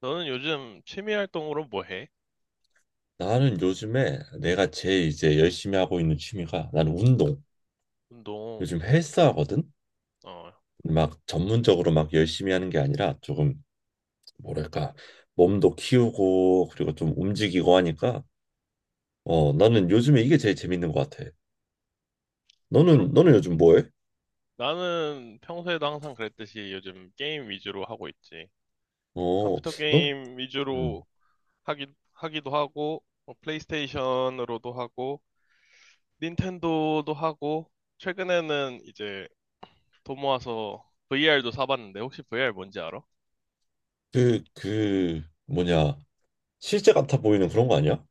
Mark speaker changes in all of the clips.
Speaker 1: 너는 요즘 취미 활동으로 뭐 해?
Speaker 2: 나는 요즘에 내가 제일 이제 열심히 하고 있는 취미가 나는 운동.
Speaker 1: 운동,
Speaker 2: 요즘 헬스하거든.
Speaker 1: 어,
Speaker 2: 막 전문적으로 막 열심히 하는 게 아니라 조금 뭐랄까 몸도 키우고 그리고 좀 움직이고 하니까 나는 요즘에 이게 제일 재밌는 것 같아.
Speaker 1: 주로,
Speaker 2: 너는 요즘 뭐해?
Speaker 1: 나는 평소에도 항상 그랬듯이 요즘 게임 위주로 하고 있지.
Speaker 2: 어,
Speaker 1: 컴퓨터
Speaker 2: 넌
Speaker 1: 게임
Speaker 2: 음,
Speaker 1: 위주로 하기, 하기도 하고, 뭐 플레이스테이션으로도 하고, 닌텐도도 하고, 최근에는 이제 돈 모아서 VR도 사봤는데, 혹시 VR 뭔지 알아?
Speaker 2: 그 뭐냐 실제 같아 보이는 그런 거 아니야?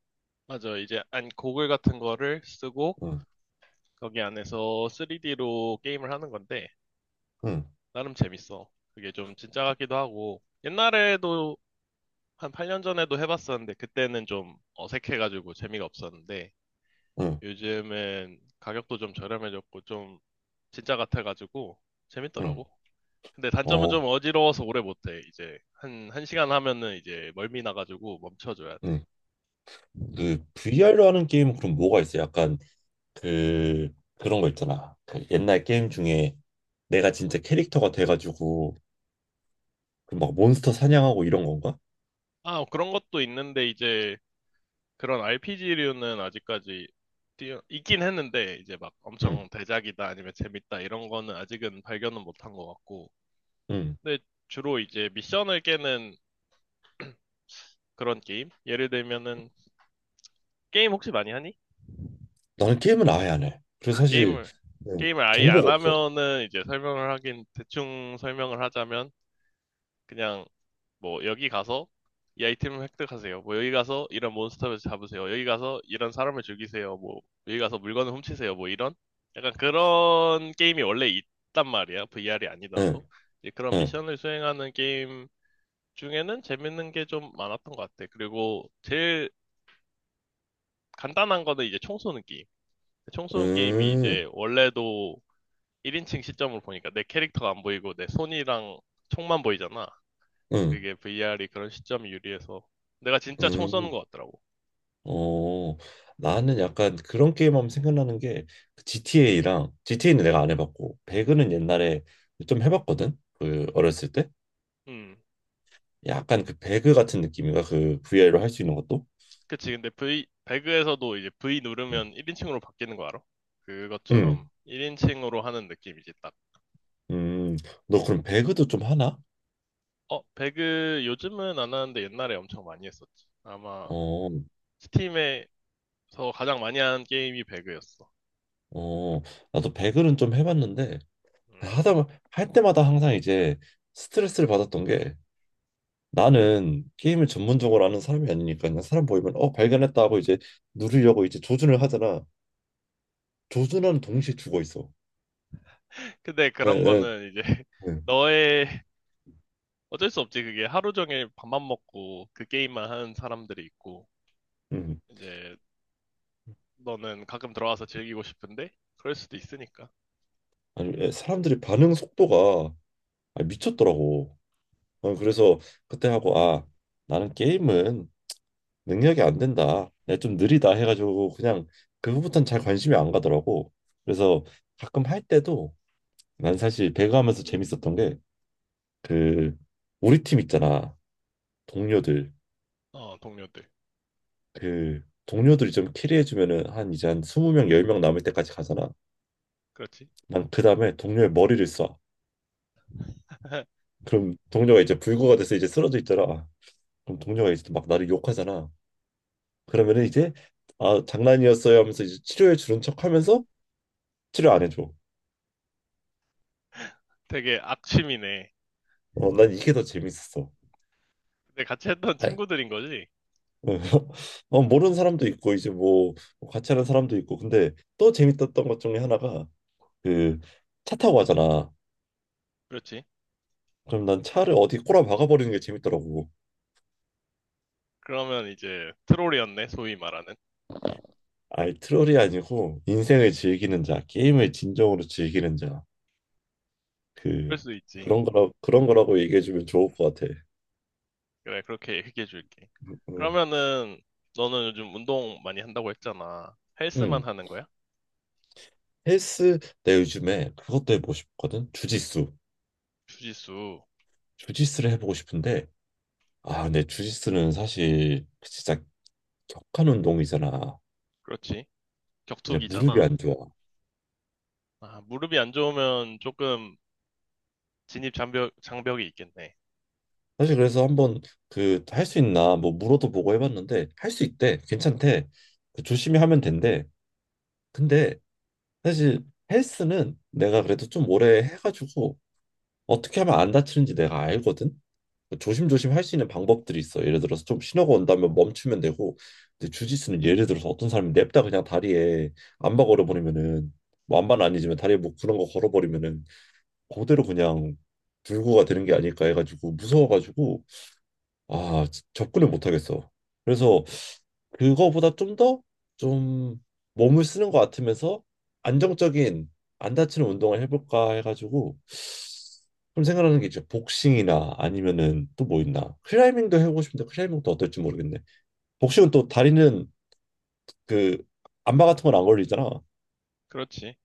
Speaker 1: 맞아, 이제 안 고글 같은 거를 쓰고,
Speaker 2: 응,
Speaker 1: 거기 안에서 3D로 게임을 하는 건데,
Speaker 2: 응,
Speaker 1: 나름 재밌어. 그게 좀 진짜 같기도 하고, 옛날에도 한 8년 전에도 해봤었는데, 그때는 좀 어색해가지고 재미가 없었는데,
Speaker 2: 응,
Speaker 1: 요즘은 가격도 좀 저렴해졌고, 좀 진짜 같아가지고,
Speaker 2: 응.
Speaker 1: 재밌더라고. 근데 단점은
Speaker 2: 어,
Speaker 1: 좀 어지러워서 오래 못해. 이제 한 시간 하면은 이제 멀미 나가지고 멈춰줘야
Speaker 2: 응.
Speaker 1: 돼.
Speaker 2: 그 VR로 하는 게임 은 그럼 뭐가 있어? 약간 그 그런 거 있잖아. 그 옛날 게임 중에 내가 진짜 캐릭터가 돼가지고 그 막 몬스터 사냥하고 이런 건가?
Speaker 1: 아, 그런 것도 있는데, 이제 그런 RPG류는 아직까지 있긴 했는데 이제 막
Speaker 2: 응,
Speaker 1: 엄청 대작이다 아니면 재밌다 이런 거는 아직은 발견은 못한 것 같고
Speaker 2: 응.
Speaker 1: 근데 주로 이제 미션을 깨는 그런 게임 예를 들면은 게임 혹시 많이 하니?
Speaker 2: 나는 게임은 아예 안 해. 그래서
Speaker 1: 아
Speaker 2: 사실
Speaker 1: 게임을
Speaker 2: 응,
Speaker 1: 게임을 아예 안
Speaker 2: 정보가 없어.
Speaker 1: 하면은 이제 설명을 하긴 대충 설명을 하자면 그냥 뭐 여기 가서 이 아이템을 획득하세요. 뭐 여기 가서 이런 몬스터를 잡으세요. 여기 가서 이런 사람을 죽이세요. 뭐 여기 가서 물건을 훔치세요. 뭐 이런 약간 그런 게임이 원래 있단 말이야. VR이
Speaker 2: 응,
Speaker 1: 아니더라도 이제 그런
Speaker 2: 응,
Speaker 1: 미션을 수행하는 게임 중에는 재밌는 게 좀 많았던 것 같아. 그리고 제일 간단한 거는 이제 총 쏘는 게임. 총 쏘는 게임이
Speaker 2: 응,
Speaker 1: 이제 원래도 1인칭 시점으로 보니까 내 캐릭터가 안 보이고 내 손이랑 총만 보이잖아.
Speaker 2: 응,
Speaker 1: 그게 VR이 그런 시점이 유리해서 내가 진짜 총 쏘는
Speaker 2: 응.
Speaker 1: 것 같더라고.
Speaker 2: 어, 나는 약간 그런 게임하면 생각나는 게 GTA랑 GTA는 내가 안 해봤고 배그는 옛날에 좀 해봤거든. 그 어렸을 때
Speaker 1: 음,
Speaker 2: 약간 그 배그 같은 느낌인가 그 VR로 할 수 있는 것도.
Speaker 1: 그치. 근데 V 배그에서도 이제 V
Speaker 2: 응.
Speaker 1: 누르면 1인칭으로 바뀌는 거 알아?
Speaker 2: 응.
Speaker 1: 그것처럼 1인칭으로 하는 느낌이지 딱.
Speaker 2: 음, 너 그럼 배그도 좀 하나?
Speaker 1: 어, 배그 요즘은 안 하는데 옛날에 엄청 많이 했었지. 아마
Speaker 2: 어,
Speaker 1: 스팀에서 가장 많이 한 게임이 배그였어.
Speaker 2: 어, 나도 배그는 좀 해봤는데
Speaker 1: 음.
Speaker 2: 하다 할 때마다 항상 이제 스트레스를 받았던 게 나는 게임을 전문적으로 아는 사람이 아니니까 그냥 사람 보이면 발견했다 하고 이제 누르려고 이제 조준을 하잖아. 조준하는 동시에 죽어 있어.
Speaker 1: 근데
Speaker 2: 네,
Speaker 1: 그런
Speaker 2: 네,
Speaker 1: 거는 이제
Speaker 2: 네.
Speaker 1: 너의 어쩔 수 없지. 그게 하루 종일 밥만 먹고 그 게임만 하는 사람들이 있고
Speaker 2: 음,
Speaker 1: 이제 너는 가끔 들어와서 즐기고 싶은데 그럴 수도 있으니까.
Speaker 2: 아니 사람들이 반응 속도가 아, 미쳤더라고. 어, 그래서 그때 하고 나는 게임은 능력이 안 된다. 야, 좀 느리다 해가지고 그냥 그거부터는 잘 관심이 안 가더라고. 그래서 가끔 할 때도 난 사실 배그하면서 재밌었던 게 그 우리 팀 있잖아. 동료들.
Speaker 1: 어, 동료들.
Speaker 2: 그 동료들이 좀 캐리해주면은 한 20명, 10명 남을 때까지 가잖아.
Speaker 1: 그렇지.
Speaker 2: 난 그 다음에 동료의 머리를 쏴. 그럼 동료가 이제 불구가 돼서 이제 쓰러져 있더라. 그럼 동료가 이제 막 나를 욕하잖아. 그러면은 이제 아 장난이었어요 하면서 이제 치료해 주는 척 하면서 치료 안 해줘.
Speaker 1: 되게 악취미네.
Speaker 2: 어, 난 이게 더 재밌었어.
Speaker 1: 근데 같이 했던
Speaker 2: 아,
Speaker 1: 친구들인 거지?
Speaker 2: 어, 모르는 사람도 있고 이제 뭐 뭐 같이 하는 사람도 있고 근데 또 재밌었던 것 중에 하나가 그 차 타고 가잖아.
Speaker 1: 그렇지.
Speaker 2: 그럼 난 차를 어디 꼬라박아 버리는 게 재밌더라고.
Speaker 1: 그러면 이제 트롤이었네, 소위 말하는.
Speaker 2: 아이 트롤이 아니고 인생을 즐기는 자 게임을 진정으로 즐기는 자그
Speaker 1: 그럴 수 있지.
Speaker 2: 그런 거라고 얘기해 주면 좋을 것 같아.
Speaker 1: 그래, 그렇게 얘기해 줄게.
Speaker 2: 음, 음.
Speaker 1: 그러면은 너는 요즘 운동 많이 한다고 했잖아. 헬스만
Speaker 2: 음,
Speaker 1: 하는 거야?
Speaker 2: 헬스 내 요즘에 그것도 해보고 싶거든 주짓수.
Speaker 1: 주짓수.
Speaker 2: 주짓수를 해보고 싶은데 아, 근데 주짓수는 사실 그 진짜 격한 운동이잖아.
Speaker 1: 그렇지.
Speaker 2: 이제 무릎이
Speaker 1: 격투기잖아.
Speaker 2: 안 좋아.
Speaker 1: 아, 무릎이 안 좋으면 조금 장벽이 있겠네.
Speaker 2: 사실 그래서 한번 그 할 수 있나 뭐 물어도 보고 해봤는데 할 수 있대. 괜찮대. 그 조심히 하면 된대. 근데 사실 헬스는 내가 그래도 좀 오래 해가지고 어떻게 하면 안 다치는지 내가 알거든. 조심조심 할 수 있는 방법들이 있어. 예를 들어서 좀 신호가 온다면 멈추면 되고, 근데 주짓수는 예를 들어서 어떤 사람이 냅다 그냥 다리에 암바 걸어버리면은 뭐 암바는 아니지만 다리에 뭐 그런 거 걸어버리면은 그대로 그냥 불구가 되는 게 아닐까 해가지고 무서워가지고 아 접근을 못 하겠어. 그래서 그거보다 좀 더 좀 몸을 쓰는 것 같으면서 안정적인 안 다치는 운동을 해볼까 해가지고 좀 생각하는 게 이제 복싱이나 아니면은 또 뭐 있나 클라이밍도 해보고 싶은데 클라이밍도 어떨지 모르겠네. 복싱은 또 다리는 그 안마 같은 건 안 걸리잖아.
Speaker 1: 그렇지.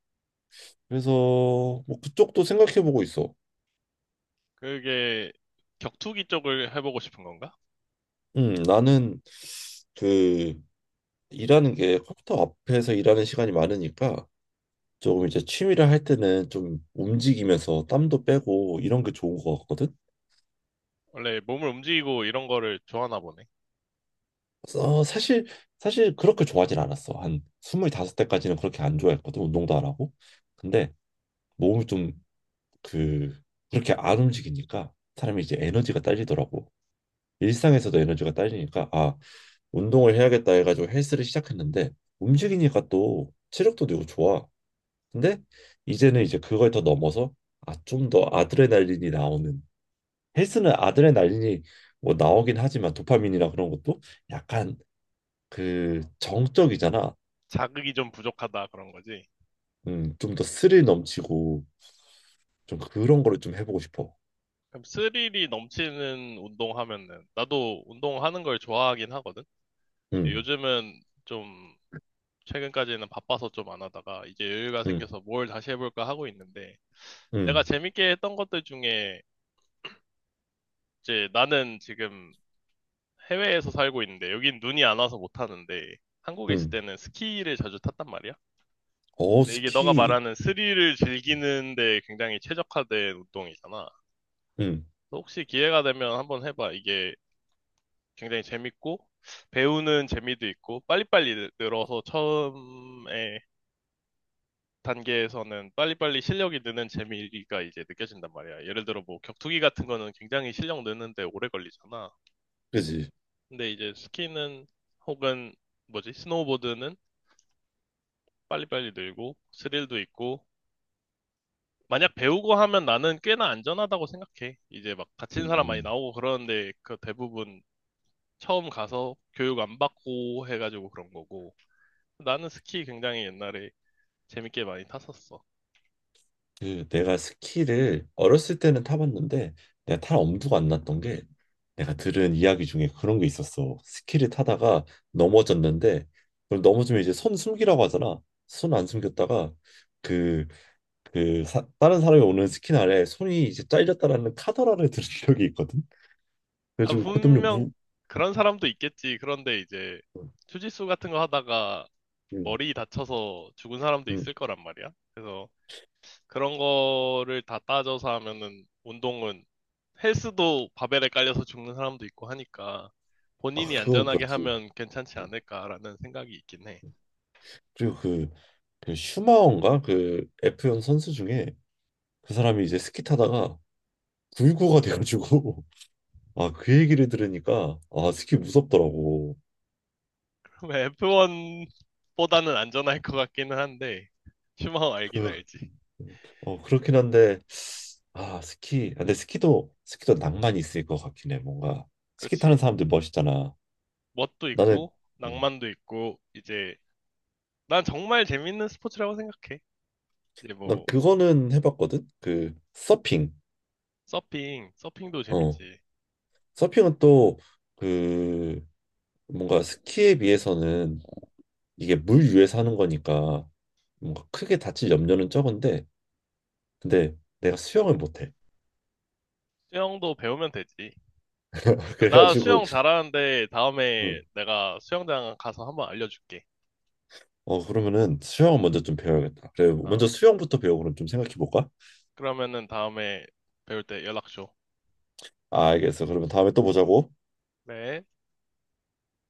Speaker 2: 그래서 뭐 그쪽도 생각해보고 있어.
Speaker 1: 그게 격투기 쪽을 해보고 싶은 건가?
Speaker 2: 나는 그 일하는 게 컴퓨터 앞에서 일하는 시간이 많으니까 조금 이제 취미를 할 때는 좀 움직이면서 땀도 빼고 이런 게 좋은 것 같거든.
Speaker 1: 원래 몸을 움직이고 이런 거를 좋아하나 보네.
Speaker 2: 어, 사실 그렇게 좋아하진 않았어. 한 25대까지는 그렇게 안 좋아했거든. 운동도 안 하고. 근데 몸이 좀 그 그렇게 안 움직이니까 사람이 이제 에너지가 딸리더라고. 일상에서도 에너지가 딸리니까 아, 운동을 해야겠다 해가지고 헬스를 시작했는데 움직이니까 또 체력도 되고 좋아. 근데 이제는 이제 그걸 더 넘어서 아, 좀 더 아드레날린이 나오는 헬스는 아드레날린이 뭐 나오긴 하지만 도파민이나 그런 것도 약간 그 정적이잖아.
Speaker 1: 자극이 좀 부족하다 그런 거지.
Speaker 2: 좀 더 스릴 넘치고 좀 그런 거를 좀 해보고 싶어.
Speaker 1: 그럼 스릴이 넘치는 운동하면은 나도 운동하는 걸 좋아하긴 하거든.
Speaker 2: 음,
Speaker 1: 요즘은 좀 최근까지는 바빠서 좀 안 하다가 이제 여유가
Speaker 2: 음,
Speaker 1: 생겨서 뭘 다시 해볼까 하고 있는데 내가
Speaker 2: 음,
Speaker 1: 재밌게 했던 것들 중에 이제 나는 지금 해외에서 살고 있는데 여긴 눈이 안 와서 못 하는데 한국에 있을
Speaker 2: 음.
Speaker 1: 때는 스키를 자주 탔단 말이야.
Speaker 2: 어,
Speaker 1: 근데 이게 너가
Speaker 2: 스키.
Speaker 1: 말하는 스릴을 즐기는데 굉장히 최적화된 운동이잖아.
Speaker 2: 음,
Speaker 1: 혹시 기회가 되면 한번 해봐. 이게 굉장히 재밌고, 배우는 재미도 있고, 빨리빨리 늘어서 처음에 단계에서는 빨리빨리 실력이 느는 재미가 이제 느껴진단 말이야. 예를 들어 뭐 격투기 같은 거는 굉장히 실력 느는데 오래 걸리잖아.
Speaker 2: 그지.
Speaker 1: 근데 이제 스키는 혹은 뭐지? 스노우보드는 빨리빨리 늘고, 스릴도 있고, 만약 배우고 하면 나는 꽤나 안전하다고 생각해. 이제 막 다친 사람 많이
Speaker 2: 음.
Speaker 1: 나오고 그러는데 그 대부분 처음 가서 교육 안 받고 해가지고 그런 거고. 나는 스키 굉장히 옛날에 재밌게 많이 탔었어.
Speaker 2: 그 내가 스키를 어렸을 때는 타봤는데 내가 탈 엄두가 안 났던 게 내가 들은 이야기 중에 그런 게 있었어. 스키를 타다가 넘어졌는데 그걸 넘어지면 이제 손 숨기라고 하잖아. 손 안 숨겼다가 그 그 다른 사람이 오는 스키 날에 손이 이제 잘렸다라는 카더라를 들은 적이 있거든.
Speaker 1: 아,
Speaker 2: 그래가지고 그 때문에
Speaker 1: 분명
Speaker 2: 무.
Speaker 1: 그런 사람도 있겠지. 그런데 이제 주짓수 같은 거 하다가
Speaker 2: 음,
Speaker 1: 머리 다쳐서 죽은 사람도
Speaker 2: 음.
Speaker 1: 있을 거란 말이야. 그래서 그런 거를 다 따져서 하면은 운동은 헬스도 바벨에 깔려서 죽는 사람도 있고 하니까
Speaker 2: 아
Speaker 1: 본인이
Speaker 2: 그건
Speaker 1: 안전하게
Speaker 2: 그렇지.
Speaker 1: 하면 괜찮지 않을까라는 생각이 있긴 해.
Speaker 2: 그리고 그 슈마어인가 그 F1 선수 중에 그 사람이 이제 스키 타다가 불구가 돼가지고 아, 그 얘기를 들으니까 아, 스키 무섭더라고.
Speaker 1: F1보다는 안전할 것 같기는 한데 슈마허 알긴
Speaker 2: 그,
Speaker 1: 알지.
Speaker 2: 어, 그렇긴 한데 아, 스키. 근데 스키도 낭만이 있을 것 같긴 해. 뭔가 스키 타는
Speaker 1: 그렇지.
Speaker 2: 사람들 멋있잖아.
Speaker 1: 멋도
Speaker 2: 나는
Speaker 1: 있고
Speaker 2: 음,
Speaker 1: 낭만도 있고 이제 난 정말 재밌는 스포츠라고 생각해. 이제
Speaker 2: 난
Speaker 1: 뭐
Speaker 2: 그거는 해봤거든. 그 서핑.
Speaker 1: 서핑도
Speaker 2: 어,
Speaker 1: 재밌지.
Speaker 2: 서핑은 또 그 뭔가 스키에 비해서는 이게 물 위에서 하는 거니까 뭔가 크게 다칠 염려는 적은데 근데 내가 수영을 못해.
Speaker 1: 수영도 배우면 되지. 나
Speaker 2: 그래가지고
Speaker 1: 수영 잘하는데 다음에
Speaker 2: 어,
Speaker 1: 내가 수영장 가서 한번 알려줄게.
Speaker 2: 어 그러면은 수영 먼저 좀 배워야겠다. 그래 먼저
Speaker 1: 어.
Speaker 2: 수영부터 배우고 그럼 좀 생각해 볼까?
Speaker 1: 그러면은 다음에 배울 때 연락 줘.
Speaker 2: 알겠어. 그러면 다음에 또 보자고.
Speaker 1: 네.